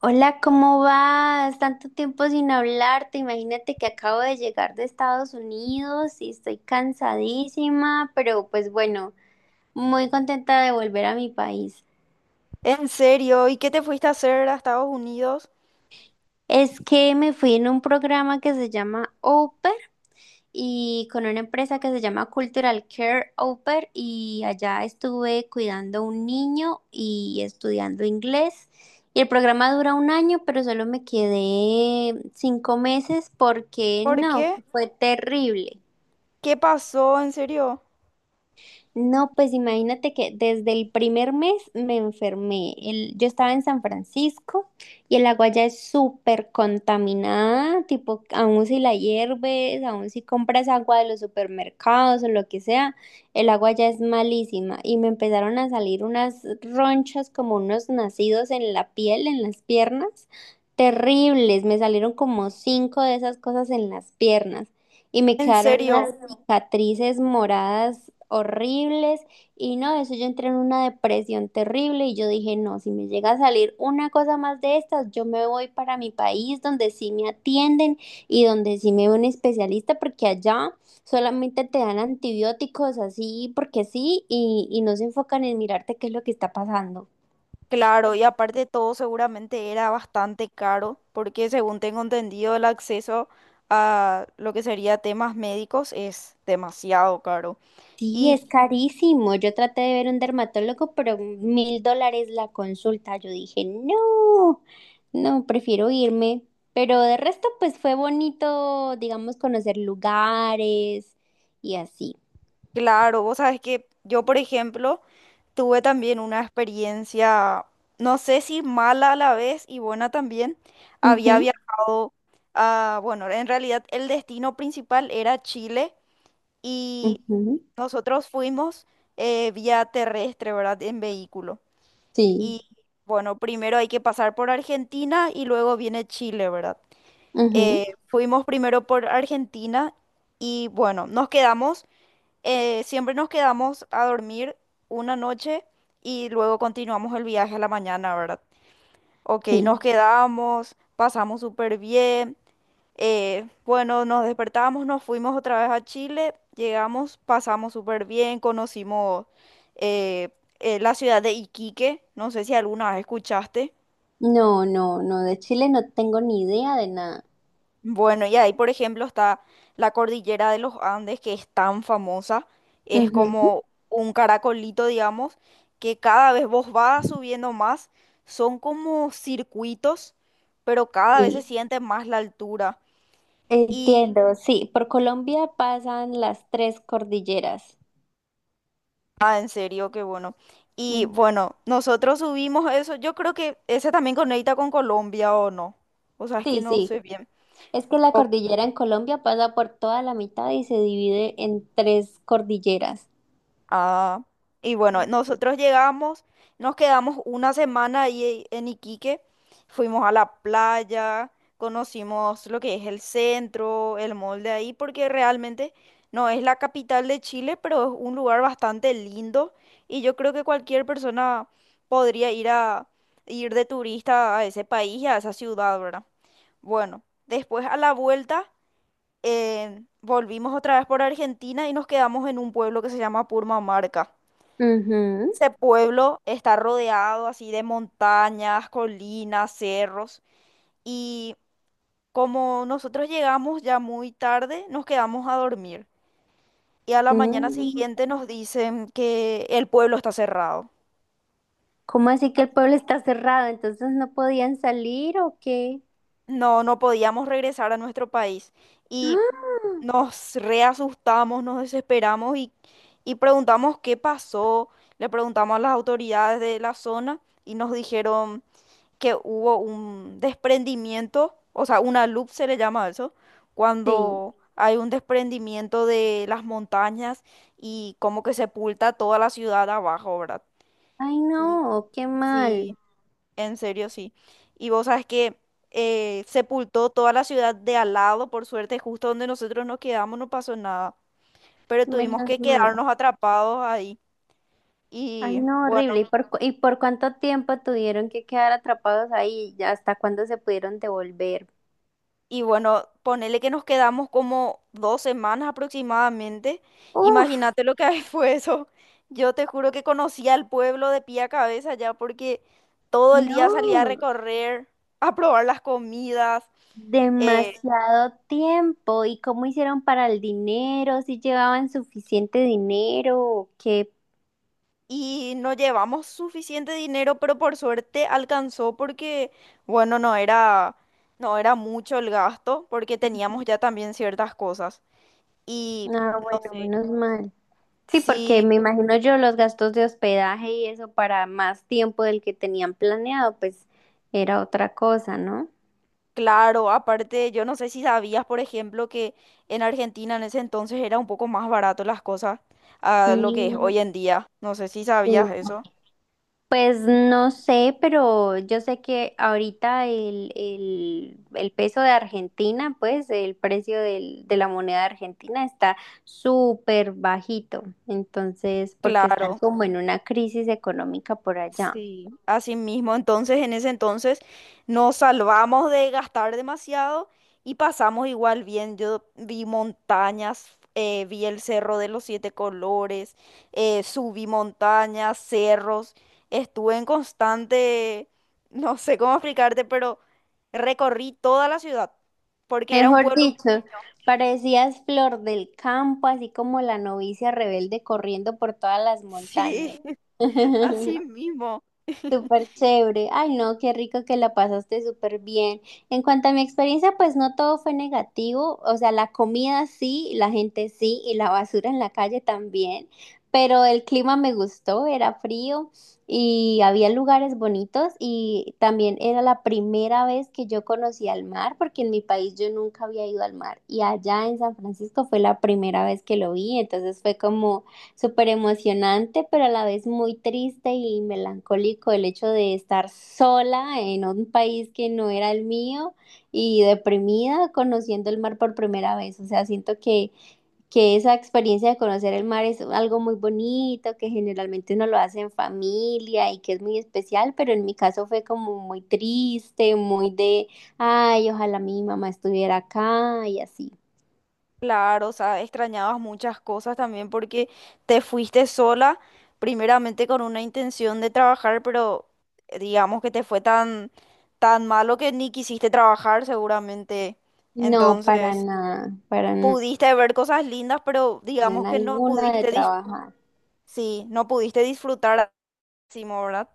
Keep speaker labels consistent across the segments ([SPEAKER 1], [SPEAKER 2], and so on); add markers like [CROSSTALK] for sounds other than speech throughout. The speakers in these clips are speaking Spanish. [SPEAKER 1] Hola, ¿cómo vas? Tanto tiempo sin hablarte. Imagínate que acabo de llegar de Estados Unidos y estoy cansadísima, pero pues bueno, muy contenta de volver a mi país.
[SPEAKER 2] ¿En serio? ¿Y qué te fuiste a hacer a Estados Unidos?
[SPEAKER 1] Es que me fui en un programa que se llama Open y con una empresa que se llama Cultural Care Oper y allá estuve cuidando a un niño y estudiando inglés. Y el programa dura un año, pero solo me quedé 5 meses porque
[SPEAKER 2] ¿Por
[SPEAKER 1] no,
[SPEAKER 2] qué?
[SPEAKER 1] fue terrible.
[SPEAKER 2] ¿Qué pasó? ¿En serio?
[SPEAKER 1] No, pues imagínate que desde el primer mes me enfermé. Yo estaba en San Francisco y el agua ya es súper contaminada, tipo, aun si la hierves, aun si compras agua de los supermercados o lo que sea, el agua ya es malísima. Y me empezaron a salir unas ronchas como unos nacidos en la piel, en las piernas, terribles. Me salieron como cinco de esas cosas en las piernas y me
[SPEAKER 2] ¿En
[SPEAKER 1] quedaron
[SPEAKER 2] serio?
[SPEAKER 1] unas cicatrices moradas horribles y no, eso yo entré en una depresión terrible y yo dije, no, si me llega a salir una cosa más de estas, yo me voy para mi país donde sí me atienden y donde sí me ve un especialista porque allá solamente te dan antibióticos así porque sí y no se enfocan en mirarte qué es lo que está pasando.
[SPEAKER 2] Claro, y aparte todo seguramente era bastante caro, porque según tengo entendido el acceso a lo que sería temas médicos es demasiado caro.
[SPEAKER 1] Sí,
[SPEAKER 2] ¿Y
[SPEAKER 1] es carísimo. Yo traté de ver un dermatólogo, pero $1.000 la consulta. Yo dije, no, no, prefiero irme. Pero de resto, pues fue bonito, digamos, conocer lugares y así.
[SPEAKER 2] claro, vos sabes que yo, por ejemplo, tuve también una experiencia, no sé si mala a la vez y buena también. Había
[SPEAKER 1] Ujú,
[SPEAKER 2] viajado a, bueno, en realidad el destino principal era Chile y
[SPEAKER 1] ujú,
[SPEAKER 2] nosotros fuimos vía terrestre, ¿verdad? En vehículo.
[SPEAKER 1] sí,
[SPEAKER 2] Y bueno, primero hay que pasar por Argentina y luego viene Chile, ¿verdad?
[SPEAKER 1] ujú,
[SPEAKER 2] Fuimos primero por Argentina y bueno, nos quedamos. Siempre nos quedamos a dormir una noche y luego continuamos el viaje a la mañana, ¿verdad? Ok, nos
[SPEAKER 1] sí.
[SPEAKER 2] quedamos, pasamos súper bien. Bueno, nos despertamos, nos fuimos otra vez a Chile, llegamos, pasamos súper bien, conocimos eh, la ciudad de Iquique, no sé si alguna vez escuchaste.
[SPEAKER 1] No, no, no, de Chile no tengo ni idea de nada.
[SPEAKER 2] Bueno, y ahí, por ejemplo, está la cordillera de los Andes, que es tan famosa. Es
[SPEAKER 1] Ujú,
[SPEAKER 2] como un caracolito, digamos, que cada vez vos vas subiendo más. Son como circuitos, pero cada vez se
[SPEAKER 1] sí,
[SPEAKER 2] siente más la altura. Y,
[SPEAKER 1] entiendo, sí. Por Colombia pasan las tres cordilleras.
[SPEAKER 2] ah, en serio, qué bueno. Y
[SPEAKER 1] Mm,
[SPEAKER 2] bueno, nosotros subimos eso. Yo creo que ese también conecta con Colombia, ¿o no? O sea, es que
[SPEAKER 1] sí,
[SPEAKER 2] no
[SPEAKER 1] sí.
[SPEAKER 2] sé bien.
[SPEAKER 1] Es que la
[SPEAKER 2] Ok.
[SPEAKER 1] cordillera en Colombia pasa por toda la mitad y se divide en tres cordilleras.
[SPEAKER 2] Ah, y bueno, nosotros llegamos, nos quedamos 1 semana ahí en Iquique, fuimos a la playa, conocimos lo que es el centro, el mall de ahí, porque realmente no es la capital de Chile, pero es un lugar bastante lindo y yo creo que cualquier persona podría ir a ir de turista a ese país y a esa ciudad, ¿verdad? Bueno, después a la vuelta volvimos otra vez por Argentina y nos quedamos en un pueblo que se llama Purmamarca.
[SPEAKER 1] Ujú.
[SPEAKER 2] Ese pueblo está rodeado así de montañas, colinas, cerros y como nosotros llegamos ya muy tarde, nos quedamos a dormir y a la mañana
[SPEAKER 1] Mm.
[SPEAKER 2] siguiente nos dicen que el pueblo está cerrado.
[SPEAKER 1] ¿Cómo así que el pueblo está cerrado? ¿Entonces no podían salir o qué?
[SPEAKER 2] No, no podíamos regresar a nuestro país y
[SPEAKER 1] ¡Ah!
[SPEAKER 2] nos reasustamos, nos desesperamos y preguntamos qué pasó. Le preguntamos a las autoridades de la zona y nos dijeron que hubo un desprendimiento, o sea, una loop se le llama a eso,
[SPEAKER 1] Sí.
[SPEAKER 2] cuando hay un desprendimiento de las montañas y como que sepulta toda la ciudad abajo, ¿verdad?
[SPEAKER 1] Ay,
[SPEAKER 2] Y
[SPEAKER 1] no, qué mal.
[SPEAKER 2] sí, en serio, sí. Y vos sabes que sepultó toda la ciudad de al lado, por suerte, justo donde nosotros nos quedamos no pasó nada, pero tuvimos
[SPEAKER 1] Menos
[SPEAKER 2] que
[SPEAKER 1] mal.
[SPEAKER 2] quedarnos atrapados ahí.
[SPEAKER 1] Ay,
[SPEAKER 2] Y
[SPEAKER 1] no,
[SPEAKER 2] bueno.
[SPEAKER 1] horrible. ¿Y por, y por cuánto tiempo tuvieron que quedar atrapados ahí? ¿Y ¿Hasta cuándo se pudieron devolver?
[SPEAKER 2] Y bueno, ponele que nos quedamos como 2 semanas aproximadamente.
[SPEAKER 1] Uf,
[SPEAKER 2] Imagínate lo que ahí [LAUGHS] fue eso. Yo te juro que conocía el pueblo de pie a cabeza ya porque todo el día salía a
[SPEAKER 1] no.
[SPEAKER 2] recorrer, a probar las comidas. eh,
[SPEAKER 1] Demasiado tiempo. ¿Y cómo hicieron para el dinero? ¿Si llevaban suficiente dinero? ¿O qué?
[SPEAKER 2] y no llevamos suficiente dinero, pero por suerte alcanzó porque, bueno, no era mucho el gasto porque teníamos ya también ciertas cosas. Y
[SPEAKER 1] Ah,
[SPEAKER 2] no
[SPEAKER 1] bueno,
[SPEAKER 2] sé.
[SPEAKER 1] menos mal. Sí, porque
[SPEAKER 2] Sí,
[SPEAKER 1] me imagino yo los gastos de hospedaje y eso para más tiempo del que tenían planeado, pues era otra cosa, ¿no?
[SPEAKER 2] claro, aparte, yo no sé si sabías, por ejemplo, que en Argentina en ese entonces era un poco más barato las cosas a lo que es
[SPEAKER 1] Mm,
[SPEAKER 2] hoy en día. No sé si sabías
[SPEAKER 1] sí.
[SPEAKER 2] eso.
[SPEAKER 1] Pues no sé, pero yo sé que ahorita el peso de Argentina, pues el precio de la moneda argentina está súper bajito, entonces, porque están
[SPEAKER 2] Claro.
[SPEAKER 1] como en una crisis económica por allá.
[SPEAKER 2] Sí, así mismo. Entonces, en ese entonces nos salvamos de gastar demasiado y pasamos igual bien. Yo vi montañas, vi el Cerro de los Siete Colores, subí montañas, cerros. Estuve en constante, [LAUGHS] no sé cómo explicarte, pero recorrí toda la ciudad porque era un
[SPEAKER 1] Mejor
[SPEAKER 2] pueblo.
[SPEAKER 1] dicho, parecías flor del campo, así como la novicia rebelde corriendo por todas las
[SPEAKER 2] [LAUGHS] Sí,
[SPEAKER 1] montañas.
[SPEAKER 2] así
[SPEAKER 1] [LAUGHS]
[SPEAKER 2] mismo.
[SPEAKER 1] Súper chévere. Ay, no, qué rico que la pasaste súper bien. En cuanto a mi experiencia, pues no todo fue negativo. O sea, la comida sí, la gente sí, y la basura en la calle también. Pero el clima me gustó, era frío y había lugares bonitos y también era la primera vez que yo conocía el mar, porque en mi país yo nunca había ido al mar y allá en San Francisco fue la primera vez que lo vi, entonces fue como súper emocionante, pero a la vez muy triste y melancólico el hecho de estar sola en un país que no era el mío y deprimida conociendo el mar por primera vez. O sea, siento que esa experiencia de conocer el mar es algo muy bonito, que generalmente uno lo hace en familia y que es muy especial, pero en mi caso fue como muy triste, muy de, ay, ojalá mi mamá estuviera acá y así.
[SPEAKER 2] Claro, o sea, extrañabas muchas cosas también porque te fuiste sola, primeramente con una intención de trabajar, pero digamos que te fue tan, tan malo que ni quisiste trabajar seguramente.
[SPEAKER 1] No,
[SPEAKER 2] Entonces,
[SPEAKER 1] para nada,
[SPEAKER 2] pudiste ver cosas lindas, pero digamos que
[SPEAKER 1] alguna de trabajar.
[SPEAKER 2] sí, no pudiste disfrutar al máximo, ¿verdad?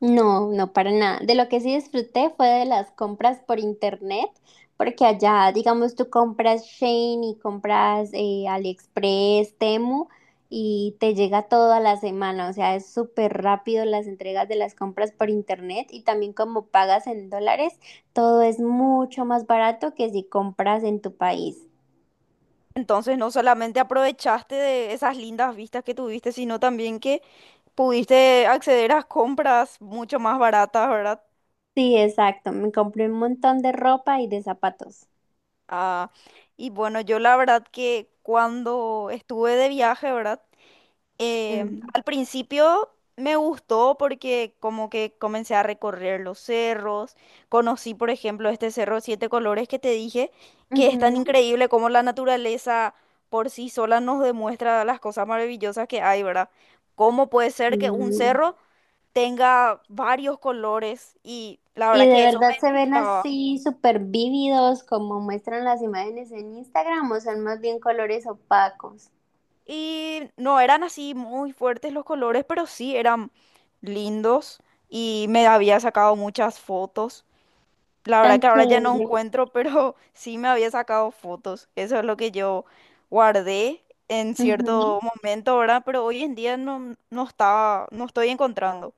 [SPEAKER 1] No, no, para nada. De lo que sí disfruté fue de las compras por internet, porque allá, digamos, tú compras Shein y compras AliExpress, Temu y te llega todo a la semana. O sea, es súper rápido las entregas de las compras por internet y también como pagas en dólares, todo es mucho más barato que si compras en tu país.
[SPEAKER 2] Entonces, no solamente aprovechaste de esas lindas vistas que tuviste, sino también que pudiste acceder a compras mucho más baratas, ¿verdad?
[SPEAKER 1] Sí, exacto. Me compré un montón de ropa y de zapatos.
[SPEAKER 2] Ah, y bueno, yo la verdad que cuando estuve de viaje, ¿verdad?
[SPEAKER 1] Mm,
[SPEAKER 2] Al principio me gustó porque como que comencé a recorrer los cerros, conocí por ejemplo este cerro Siete Colores que te dije, que es tan
[SPEAKER 1] ujú.
[SPEAKER 2] increíble como la naturaleza por sí sola nos demuestra las cosas maravillosas que hay, ¿verdad? ¿Cómo puede
[SPEAKER 1] Sí.
[SPEAKER 2] ser que un cerro tenga varios colores? Y la
[SPEAKER 1] Y
[SPEAKER 2] verdad
[SPEAKER 1] de
[SPEAKER 2] que eso
[SPEAKER 1] verdad se
[SPEAKER 2] me
[SPEAKER 1] ven
[SPEAKER 2] gustaba.
[SPEAKER 1] así súper vívidos como muestran las imágenes en Instagram o son más bien colores opacos.
[SPEAKER 2] Y no eran así muy fuertes los colores, pero sí eran lindos y me había sacado muchas fotos. La verdad
[SPEAKER 1] Tan
[SPEAKER 2] que ahora ya no
[SPEAKER 1] chévere.
[SPEAKER 2] encuentro, pero [LAUGHS] sí me había sacado fotos. Eso es lo que yo guardé en
[SPEAKER 1] Ujú.
[SPEAKER 2] cierto momento, ¿verdad? Pero hoy en día no estaba, no estoy encontrando.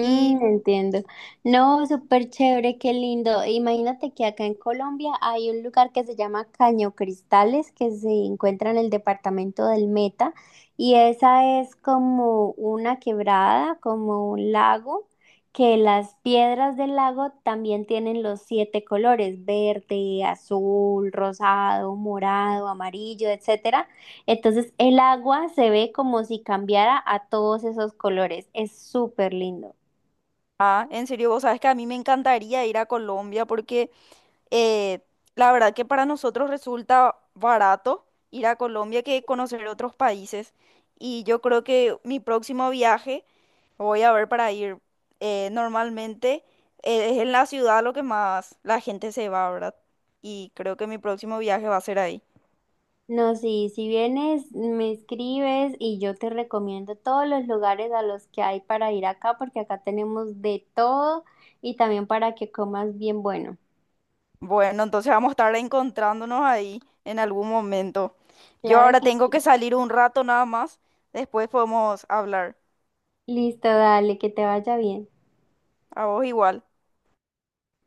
[SPEAKER 2] Y,
[SPEAKER 1] entiendo. No, súper chévere, qué lindo. Imagínate que acá en Colombia hay un lugar que se llama Caño Cristales, que se encuentra en el departamento del Meta, y esa es como una quebrada, como un lago, que las piedras del lago también tienen los siete colores, verde, azul, rosado, morado, amarillo, etcétera. Entonces el agua se ve como si cambiara a todos esos colores. Es súper lindo.
[SPEAKER 2] ah, en serio, vos sabes que a mí me encantaría ir a Colombia porque Eh, la verdad que para nosotros resulta barato ir a Colombia que conocer otros países. Y yo creo que mi próximo viaje voy a ver para ir normalmente es en la ciudad lo que más la gente se va, ¿verdad? Y creo que mi próximo viaje va a ser ahí.
[SPEAKER 1] No, sí, si vienes, me escribes y yo te recomiendo todos los lugares a los que hay para ir acá, porque acá tenemos de todo y también para que comas bien bueno.
[SPEAKER 2] Bueno, entonces vamos a estar encontrándonos ahí en algún momento. Yo
[SPEAKER 1] Claro
[SPEAKER 2] ahora
[SPEAKER 1] que
[SPEAKER 2] tengo
[SPEAKER 1] sí.
[SPEAKER 2] que salir un rato nada más. Después podemos hablar.
[SPEAKER 1] Listo, dale, que te vaya bien.
[SPEAKER 2] A vos igual.